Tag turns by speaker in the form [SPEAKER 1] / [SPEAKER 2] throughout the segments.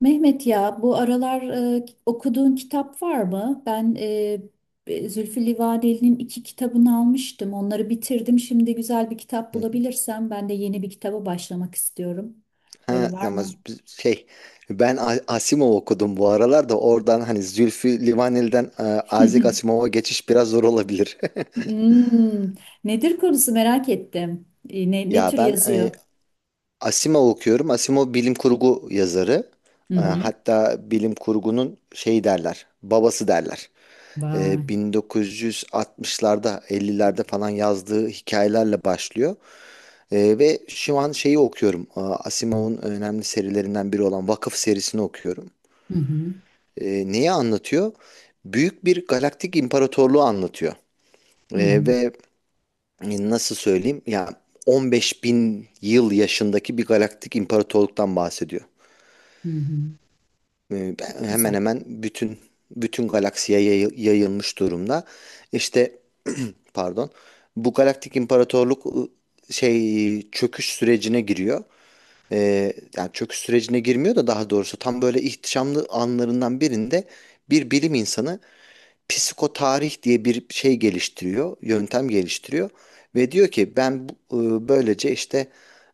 [SPEAKER 1] Mehmet ya bu aralar okuduğun kitap var mı? Zülfü Livaneli'nin iki kitabını almıştım. Onları bitirdim. Şimdi güzel bir kitap
[SPEAKER 2] Hı hı.
[SPEAKER 1] bulabilirsem ben de yeni bir kitaba başlamak istiyorum. Böyle
[SPEAKER 2] Ha
[SPEAKER 1] var
[SPEAKER 2] ama
[SPEAKER 1] mı?
[SPEAKER 2] ben Asimov okudum bu aralar da oradan hani Zülfü Livaneli'den Isaac Asimov'a geçiş biraz zor olabilir.
[SPEAKER 1] Hmm, nedir konusu merak ettim. Ne, ne
[SPEAKER 2] Ya
[SPEAKER 1] tür
[SPEAKER 2] ben
[SPEAKER 1] yazıyor?
[SPEAKER 2] Asimov okuyorum. Asimov bilim kurgu yazarı.
[SPEAKER 1] Hı hı.
[SPEAKER 2] Hatta bilim kurgunun babası derler.
[SPEAKER 1] Vay.
[SPEAKER 2] 1960'larda, 50'lerde falan yazdığı hikayelerle başlıyor. Ve şu an şeyi okuyorum. Asimov'un önemli serilerinden biri olan Vakıf serisini okuyorum.
[SPEAKER 1] Hı hı.
[SPEAKER 2] Ee, neyi anlatıyor? Büyük bir galaktik imparatorluğu anlatıyor.
[SPEAKER 1] Hı
[SPEAKER 2] Ee,
[SPEAKER 1] hı.
[SPEAKER 2] ve nasıl söyleyeyim? Ya 15 bin yıl yaşındaki bir galaktik imparatorluktan bahsediyor.
[SPEAKER 1] Hı hı.
[SPEAKER 2] E, ben-
[SPEAKER 1] Çok
[SPEAKER 2] hemen
[SPEAKER 1] güzel.
[SPEAKER 2] hemen bütün galaksiye yayılmış durumda. İşte pardon. Bu galaktik imparatorluk çöküş sürecine giriyor. Yani çöküş sürecine girmiyor da daha doğrusu tam böyle ihtişamlı anlarından birinde bir bilim insanı psikotarih diye bir şey geliştiriyor, yöntem geliştiriyor ve diyor ki ben böylece işte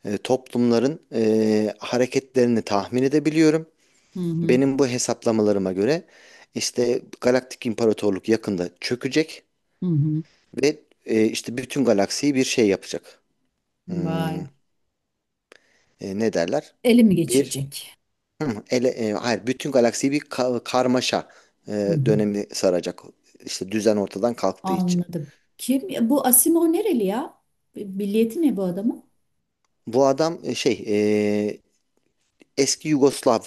[SPEAKER 2] toplumların hareketlerini tahmin edebiliyorum.
[SPEAKER 1] Hı hı.
[SPEAKER 2] Benim bu hesaplamalarıma göre işte Galaktik İmparatorluk yakında çökecek
[SPEAKER 1] Hı hı.
[SPEAKER 2] ve işte bütün galaksiyi bir şey yapacak. Hmm,
[SPEAKER 1] Vay.
[SPEAKER 2] ne derler?
[SPEAKER 1] Elimi
[SPEAKER 2] Bir
[SPEAKER 1] geçirecek.
[SPEAKER 2] hı, ele, e, hayır bütün galaksiyi bir karmaşa
[SPEAKER 1] Hı
[SPEAKER 2] e,
[SPEAKER 1] hı.
[SPEAKER 2] dönemi saracak. İşte düzen ortadan kalktığı için.
[SPEAKER 1] Anladım. Kim bu Asimov nereli ya? Milliyeti ne bu adamın?
[SPEAKER 2] Bu adam e, eski Yugoslav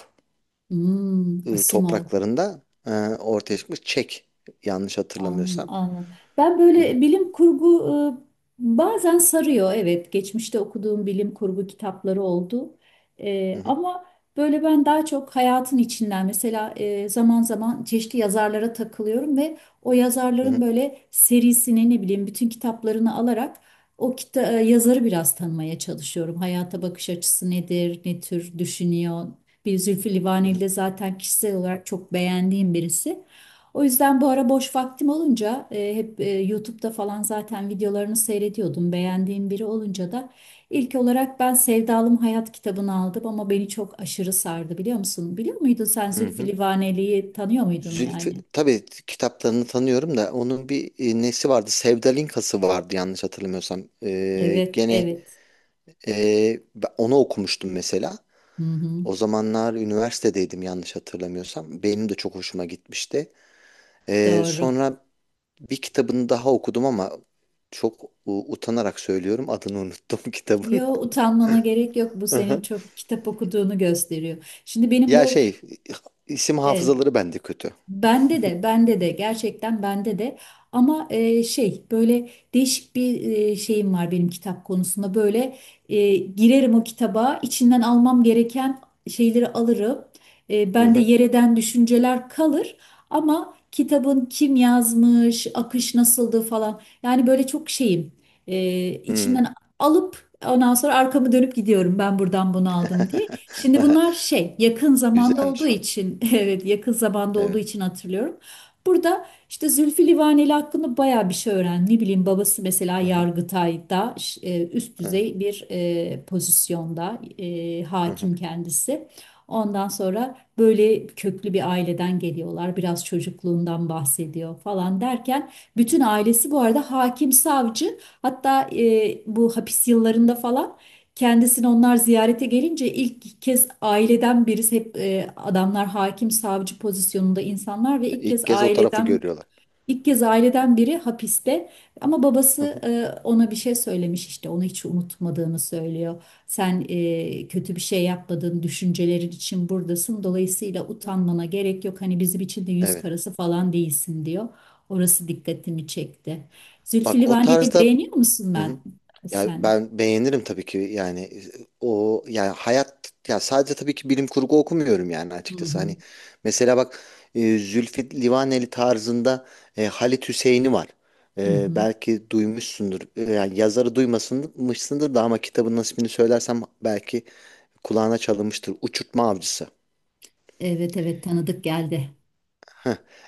[SPEAKER 1] Hmm, Asimov.
[SPEAKER 2] topraklarında ortaya çıkmış Çek, yanlış hatırlamıyorsam.
[SPEAKER 1] Anladım. Ben
[SPEAKER 2] Hı hı,
[SPEAKER 1] böyle bilim kurgu bazen sarıyor. Evet, geçmişte okuduğum bilim kurgu kitapları oldu.
[SPEAKER 2] hı hı,
[SPEAKER 1] Ama böyle ben daha çok hayatın içinden mesela zaman zaman çeşitli yazarlara takılıyorum ve o
[SPEAKER 2] hı
[SPEAKER 1] yazarların
[SPEAKER 2] hı,
[SPEAKER 1] böyle serisini ne bileyim bütün kitaplarını alarak yazarı biraz tanımaya çalışıyorum. Hayata bakış açısı nedir, ne tür düşünüyor. Bir Zülfü
[SPEAKER 2] hı
[SPEAKER 1] Livaneli
[SPEAKER 2] hı,
[SPEAKER 1] de zaten kişisel olarak çok beğendiğim birisi. O yüzden bu ara boş vaktim olunca hep YouTube'da falan zaten videolarını seyrediyordum. Beğendiğim biri olunca da ilk olarak ben Sevdalım Hayat kitabını aldım ama beni çok aşırı sardı biliyor musun? Biliyor muydun sen
[SPEAKER 2] hı
[SPEAKER 1] Zülfü
[SPEAKER 2] hı.
[SPEAKER 1] Livaneli'yi tanıyor muydun
[SPEAKER 2] Zülfü
[SPEAKER 1] yani?
[SPEAKER 2] tabii kitaplarını tanıyorum da onun bir nesi vardı? Sevdalinkası vardı yanlış hatırlamıyorsam. Ee,
[SPEAKER 1] Evet,
[SPEAKER 2] gene
[SPEAKER 1] evet.
[SPEAKER 2] e, ben onu okumuştum mesela.
[SPEAKER 1] Hı hı,
[SPEAKER 2] O zamanlar üniversitedeydim, yanlış hatırlamıyorsam. Benim de çok hoşuma gitmişti. Ee,
[SPEAKER 1] doğru.
[SPEAKER 2] sonra bir kitabını daha okudum ama çok utanarak söylüyorum, adını unuttum kitabın.
[SPEAKER 1] Yo, utanmana gerek yok. Bu
[SPEAKER 2] Hı
[SPEAKER 1] senin
[SPEAKER 2] hı.
[SPEAKER 1] çok kitap okuduğunu gösteriyor. Şimdi benim
[SPEAKER 2] Ya,
[SPEAKER 1] bu
[SPEAKER 2] isim
[SPEAKER 1] evet.
[SPEAKER 2] hafızaları bende kötü.
[SPEAKER 1] Bende de gerçekten bende de ama şey böyle değişik bir şeyim var benim kitap konusunda böyle girerim o kitaba içinden almam gereken şeyleri alırım.
[SPEAKER 2] Hı
[SPEAKER 1] Bende
[SPEAKER 2] hı.
[SPEAKER 1] yereden düşünceler kalır ama kitabın kim yazmış, akış nasıldı falan yani böyle çok şeyim.
[SPEAKER 2] Hı.
[SPEAKER 1] İçinden alıp ondan sonra arkamı dönüp gidiyorum ben buradan bunu aldım diye. Şimdi bunlar şey yakın zamanda olduğu
[SPEAKER 2] Güzelmiş o.
[SPEAKER 1] için evet yakın zamanda olduğu
[SPEAKER 2] Evet.
[SPEAKER 1] için hatırlıyorum. Burada işte Zülfü Livaneli hakkında bayağı bir şey öğren. Ne bileyim babası mesela
[SPEAKER 2] Hı hı.
[SPEAKER 1] Yargıtay'da üst
[SPEAKER 2] Evet.
[SPEAKER 1] düzey bir pozisyonda
[SPEAKER 2] Hı hı.
[SPEAKER 1] hakim kendisi. Ondan sonra böyle köklü bir aileden geliyorlar. Biraz çocukluğundan bahsediyor falan derken bütün
[SPEAKER 2] Hı.
[SPEAKER 1] ailesi bu arada hakim savcı, hatta bu hapis yıllarında falan kendisini onlar ziyarete gelince ilk kez aileden birisi, hep adamlar hakim savcı pozisyonunda insanlar ve
[SPEAKER 2] İlk kez o tarafı görüyorlar.
[SPEAKER 1] ilk kez aileden biri hapiste, ama
[SPEAKER 2] Hı
[SPEAKER 1] babası
[SPEAKER 2] hı.
[SPEAKER 1] ona bir şey söylemiş işte, onu hiç unutmadığını söylüyor. Sen kötü bir şey yapmadığın düşüncelerin için buradasın, dolayısıyla utanmana gerek yok, hani bizim için de yüz
[SPEAKER 2] Evet.
[SPEAKER 1] karası falan değilsin diyor. Orası dikkatimi çekti. Zülfü
[SPEAKER 2] Bak o
[SPEAKER 1] Livaneli'yi
[SPEAKER 2] tarzda,
[SPEAKER 1] beğeniyor musun
[SPEAKER 2] hı
[SPEAKER 1] ben
[SPEAKER 2] hı. Ya
[SPEAKER 1] sen?
[SPEAKER 2] ben beğenirim tabii ki, yani o yani hayat ya, sadece tabii ki bilim kurgu okumuyorum yani,
[SPEAKER 1] Hı
[SPEAKER 2] açıkçası,
[SPEAKER 1] hı.
[SPEAKER 2] hani mesela bak, Zülfü Livaneli tarzında, Halit Hüseyin'i var.
[SPEAKER 1] Hı
[SPEAKER 2] E,
[SPEAKER 1] hı.
[SPEAKER 2] belki duymuşsundur. Yani yazarı duymasınmışsındır da, ama kitabın ismini söylersem belki kulağına çalınmıştır. Uçurtma Avcısı.
[SPEAKER 1] Evet, evet, tanıdık geldi.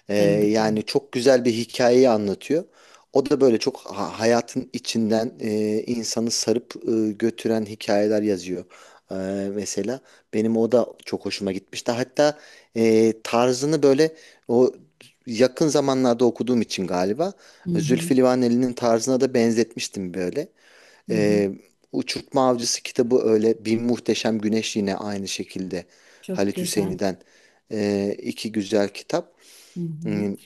[SPEAKER 2] Ee,
[SPEAKER 1] Tanıdık geldi.
[SPEAKER 2] yani çok güzel bir hikayeyi anlatıyor. O da böyle çok hayatın içinden insanı sarıp götüren hikayeler yazıyor. Ee, mesela benim o da çok hoşuma gitmişti. Hatta tarzını böyle, o yakın zamanlarda okuduğum için galiba,
[SPEAKER 1] Hı hı,
[SPEAKER 2] Zülfü Livaneli'nin tarzına da benzetmiştim böyle.
[SPEAKER 1] hı hı.
[SPEAKER 2] Ee, Uçurtma Avcısı kitabı öyle. Bir Muhteşem Güneş yine aynı şekilde.
[SPEAKER 1] Çok
[SPEAKER 2] Halit
[SPEAKER 1] güzel.
[SPEAKER 2] Hüseyni'den iki güzel kitap.
[SPEAKER 1] Hı hı.
[SPEAKER 2] Hmm,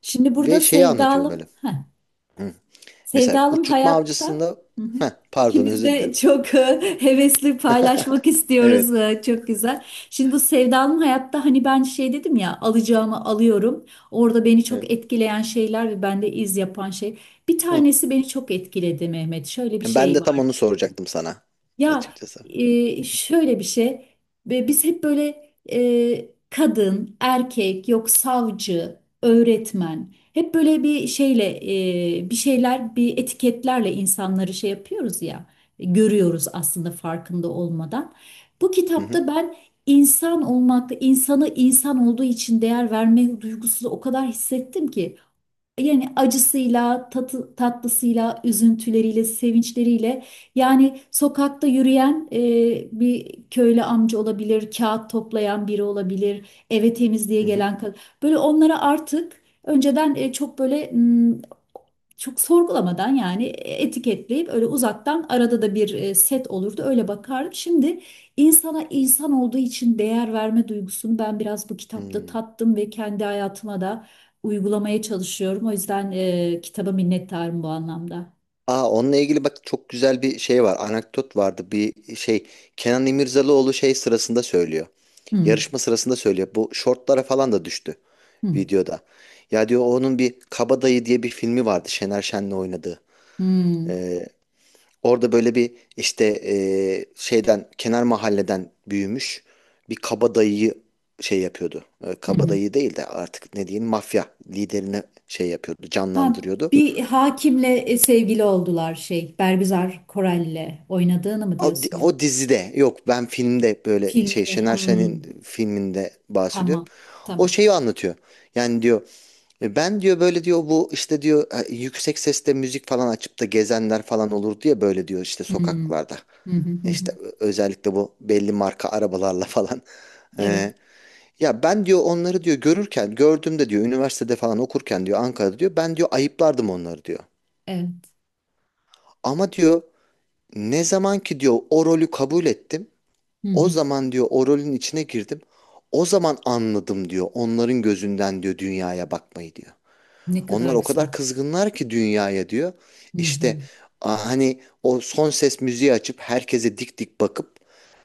[SPEAKER 1] Şimdi burada
[SPEAKER 2] Ve şeyi anlatıyor
[SPEAKER 1] sevdalım.
[SPEAKER 2] böyle.
[SPEAKER 1] Heh,
[SPEAKER 2] Hı. Mesela
[SPEAKER 1] sevdalım
[SPEAKER 2] Uçurtma
[SPEAKER 1] hayatta.
[SPEAKER 2] Avcısı'nda,
[SPEAKER 1] Hı hı.
[SPEAKER 2] Pardon,
[SPEAKER 1] İkimiz
[SPEAKER 2] özür
[SPEAKER 1] de
[SPEAKER 2] dilerim.
[SPEAKER 1] çok hevesli paylaşmak istiyoruz.
[SPEAKER 2] Evet.
[SPEAKER 1] Çok güzel. Şimdi bu sevdalım hayatta hani ben şey dedim ya, alacağımı alıyorum. Orada beni çok
[SPEAKER 2] Evet.
[SPEAKER 1] etkileyen şeyler ve bende iz yapan şey. Bir
[SPEAKER 2] Hı.
[SPEAKER 1] tanesi beni çok etkiledi Mehmet. Şöyle bir
[SPEAKER 2] Yani ben
[SPEAKER 1] şey
[SPEAKER 2] de tam
[SPEAKER 1] var.
[SPEAKER 2] onu soracaktım sana,
[SPEAKER 1] Ya
[SPEAKER 2] açıkçası.
[SPEAKER 1] şöyle bir şey, ve biz hep böyle kadın, erkek, yok savcı, öğretmen, hep böyle bir şeyle bir şeyler, bir etiketlerle insanları şey yapıyoruz ya, görüyoruz aslında farkında olmadan. Bu
[SPEAKER 2] Hı hı.
[SPEAKER 1] kitapta ben insan olmakta insanı insan olduğu için değer verme duygusunu o kadar hissettim ki. Yani acısıyla, tatı, tatlısıyla, üzüntüleriyle, sevinçleriyle, yani sokakta yürüyen bir köylü amca olabilir, kağıt toplayan biri olabilir, eve temizliğe
[SPEAKER 2] Hı hı.
[SPEAKER 1] gelen kadın. Böyle onlara artık önceden çok böyle çok sorgulamadan, yani etiketleyip öyle uzaktan, arada da bir set olurdu, öyle bakardım. Şimdi insana insan olduğu için değer verme duygusunu ben biraz bu kitapta
[SPEAKER 2] Hı.
[SPEAKER 1] tattım ve kendi hayatıma da uygulamaya çalışıyorum. O yüzden kitaba minnettarım bu anlamda.
[SPEAKER 2] Onunla ilgili bak, çok güzel bir şey var. Anekdot vardı. Bir şey Kenan İmirzalıoğlu şey sırasında söylüyor.
[SPEAKER 1] Hmm,
[SPEAKER 2] Yarışma sırasında söylüyor. Bu şortlara falan da düştü
[SPEAKER 1] hmm,
[SPEAKER 2] videoda. Ya diyor, onun bir Kabadayı diye bir filmi vardı, Şener Şen'le oynadığı.
[SPEAKER 1] hmm,
[SPEAKER 2] Ee, orada böyle bir işte, şeyden kenar mahalleden büyümüş bir kabadayıyı şey yapıyordu. Ee,
[SPEAKER 1] hı hı.
[SPEAKER 2] kabadayı değil de artık ne diyeyim, mafya liderine şey yapıyordu,
[SPEAKER 1] Ha,
[SPEAKER 2] canlandırıyordu.
[SPEAKER 1] bir hakimle sevgili oldular şey Bergüzar Korel'le oynadığını mı
[SPEAKER 2] O, di-
[SPEAKER 1] diyorsun ya?
[SPEAKER 2] o dizide yok, ben filmde böyle,
[SPEAKER 1] Filmini.
[SPEAKER 2] Şener Şen'in
[SPEAKER 1] Hmm,
[SPEAKER 2] filminde bahsediyorum.
[SPEAKER 1] tamam,
[SPEAKER 2] O
[SPEAKER 1] tamam.
[SPEAKER 2] şeyi anlatıyor. Yani diyor, "Ben diyor böyle, diyor bu işte, diyor yüksek sesle müzik falan açıp da gezenler falan olur diye, böyle diyor, işte
[SPEAKER 1] Hmm.
[SPEAKER 2] sokaklarda.
[SPEAKER 1] Hı hı hı.
[SPEAKER 2] İşte özellikle bu belli marka arabalarla falan.
[SPEAKER 1] Evet,
[SPEAKER 2] E, ya ben diyor onları, diyor gördüğümde, diyor üniversitede falan okurken diyor, Ankara'da diyor, ben diyor ayıplardım onları diyor.
[SPEAKER 1] evet.
[SPEAKER 2] Ama diyor, ne zaman ki diyor o rolü kabul ettim.
[SPEAKER 1] Hı
[SPEAKER 2] O
[SPEAKER 1] hı.
[SPEAKER 2] zaman diyor o rolün içine girdim. O zaman anladım diyor. Onların gözünden diyor, dünyaya bakmayı diyor.
[SPEAKER 1] Ne
[SPEAKER 2] Onlar
[SPEAKER 1] kadar
[SPEAKER 2] o
[SPEAKER 1] güzel.
[SPEAKER 2] kadar kızgınlar ki dünyaya diyor.
[SPEAKER 1] Hı
[SPEAKER 2] İşte
[SPEAKER 1] hı.
[SPEAKER 2] hani o son ses müziği açıp herkese dik dik bakıp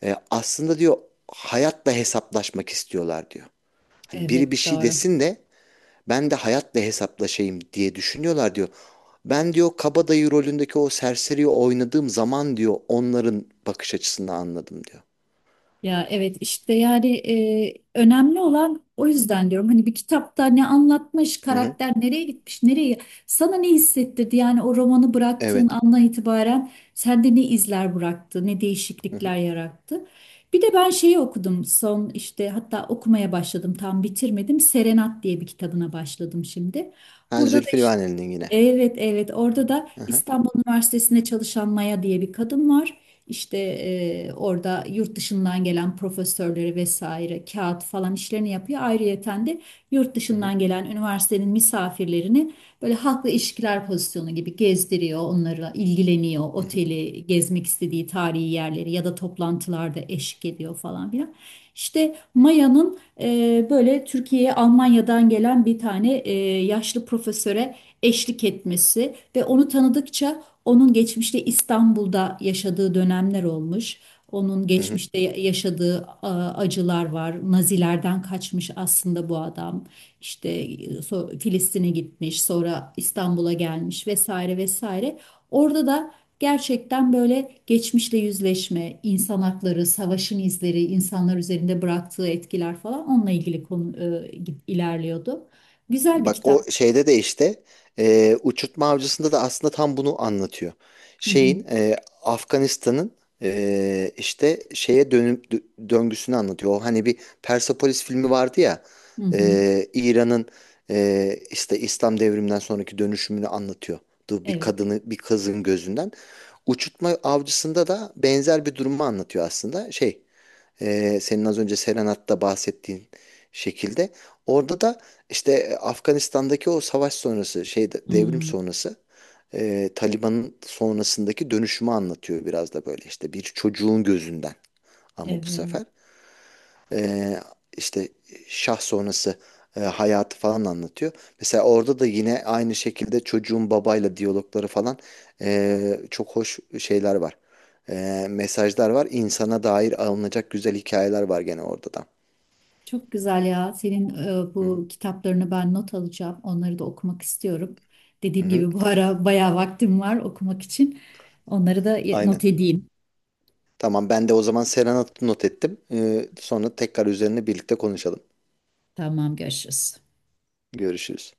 [SPEAKER 2] aslında diyor, hayatla hesaplaşmak istiyorlar diyor. Hani biri bir
[SPEAKER 1] Evet,
[SPEAKER 2] şey
[SPEAKER 1] doğru.
[SPEAKER 2] desin de, ben de hayatla hesaplaşayım diye düşünüyorlar diyor. Ben diyor, kabadayı rolündeki o serseriyi oynadığım zaman diyor, onların bakış açısını anladım diyor.
[SPEAKER 1] Ya evet işte, yani önemli olan, o yüzden diyorum hani bir kitapta ne anlatmış,
[SPEAKER 2] Hı hı.
[SPEAKER 1] karakter nereye gitmiş, nereye sana ne hissettirdi, yani o romanı bıraktığın
[SPEAKER 2] Evet.
[SPEAKER 1] andan itibaren sende ne izler bıraktı, ne
[SPEAKER 2] Hı hı.
[SPEAKER 1] değişiklikler yarattı. Bir de ben şeyi okudum son işte, hatta okumaya başladım tam bitirmedim. Serenat diye bir kitabına başladım şimdi.
[SPEAKER 2] Ha,
[SPEAKER 1] Burada da
[SPEAKER 2] Zülfü
[SPEAKER 1] işte
[SPEAKER 2] Livaneli'nin yine.
[SPEAKER 1] evet, evet. Orada da
[SPEAKER 2] Hı hı.
[SPEAKER 1] İstanbul Üniversitesi'nde çalışan Maya diye bir kadın var. İşte orada yurt dışından gelen profesörleri vesaire kağıt falan işlerini yapıyor. Ayrıyeten de yurt
[SPEAKER 2] Hı hı.
[SPEAKER 1] dışından gelen üniversitenin misafirlerini böyle halkla ilişkiler pozisyonu gibi gezdiriyor. Onlarla ilgileniyor.
[SPEAKER 2] Hı hı.
[SPEAKER 1] Oteli, gezmek istediği tarihi yerleri ya da toplantılarda eşlik ediyor falan filan. İşte Maya'nın böyle Türkiye'ye Almanya'dan gelen bir tane yaşlı profesöre eşlik etmesi ve onu tanıdıkça onun geçmişte İstanbul'da yaşadığı dönemler olmuş. Onun
[SPEAKER 2] Hı hı.
[SPEAKER 1] geçmişte yaşadığı acılar var. Nazilerden kaçmış aslında bu adam. İşte Filistin'e gitmiş, sonra İstanbul'a gelmiş vesaire vesaire. Orada da gerçekten böyle geçmişle yüzleşme, insan hakları, savaşın izleri, insanlar üzerinde bıraktığı etkiler falan, onunla ilgili konu ilerliyordu. Güzel bir
[SPEAKER 2] Bak o
[SPEAKER 1] kitap.
[SPEAKER 2] şeyde de işte, Uçurtma Avcısı'nda da aslında tam bunu anlatıyor.
[SPEAKER 1] Hı hı,
[SPEAKER 2] Şeyin e, Afganistan'ın işte dönüp döngüsünü anlatıyor. O hani bir Persepolis filmi vardı ya,
[SPEAKER 1] hı hı.
[SPEAKER 2] İran'ın işte İslam devriminden sonraki dönüşümünü anlatıyor. Du- Bir
[SPEAKER 1] Evet.
[SPEAKER 2] kadını bir kızın gözünden. Uçurtma Avcısı'nda da benzer bir durumu anlatıyor aslında. Senin az önce Serenat'ta bahsettiğin şekilde. Orada da işte Afganistan'daki o savaş sonrası, devrim
[SPEAKER 1] Hmm,
[SPEAKER 2] sonrası, Taliban'ın sonrasındaki dönüşümü anlatıyor, biraz da böyle işte bir çocuğun gözünden, ama bu
[SPEAKER 1] evet.
[SPEAKER 2] sefer e, işte şah sonrası hayatı falan anlatıyor. Mesela orada da yine aynı şekilde çocuğun babayla diyalogları falan, çok hoş şeyler var. Mesajlar var. İnsana dair alınacak güzel hikayeler var gene orada da.
[SPEAKER 1] Çok güzel ya. Senin
[SPEAKER 2] Hı hı.
[SPEAKER 1] bu kitaplarını ben not alacağım. Onları da okumak istiyorum.
[SPEAKER 2] Hı
[SPEAKER 1] Dediğim
[SPEAKER 2] hı.
[SPEAKER 1] gibi bu ara bayağı vaktim var okumak için. Onları da
[SPEAKER 2] Aynen.
[SPEAKER 1] not edeyim.
[SPEAKER 2] Tamam, ben de o zaman Serenat'ı not ettim. Sonra tekrar üzerine birlikte konuşalım.
[SPEAKER 1] Tamam, görüşürüz.
[SPEAKER 2] Görüşürüz.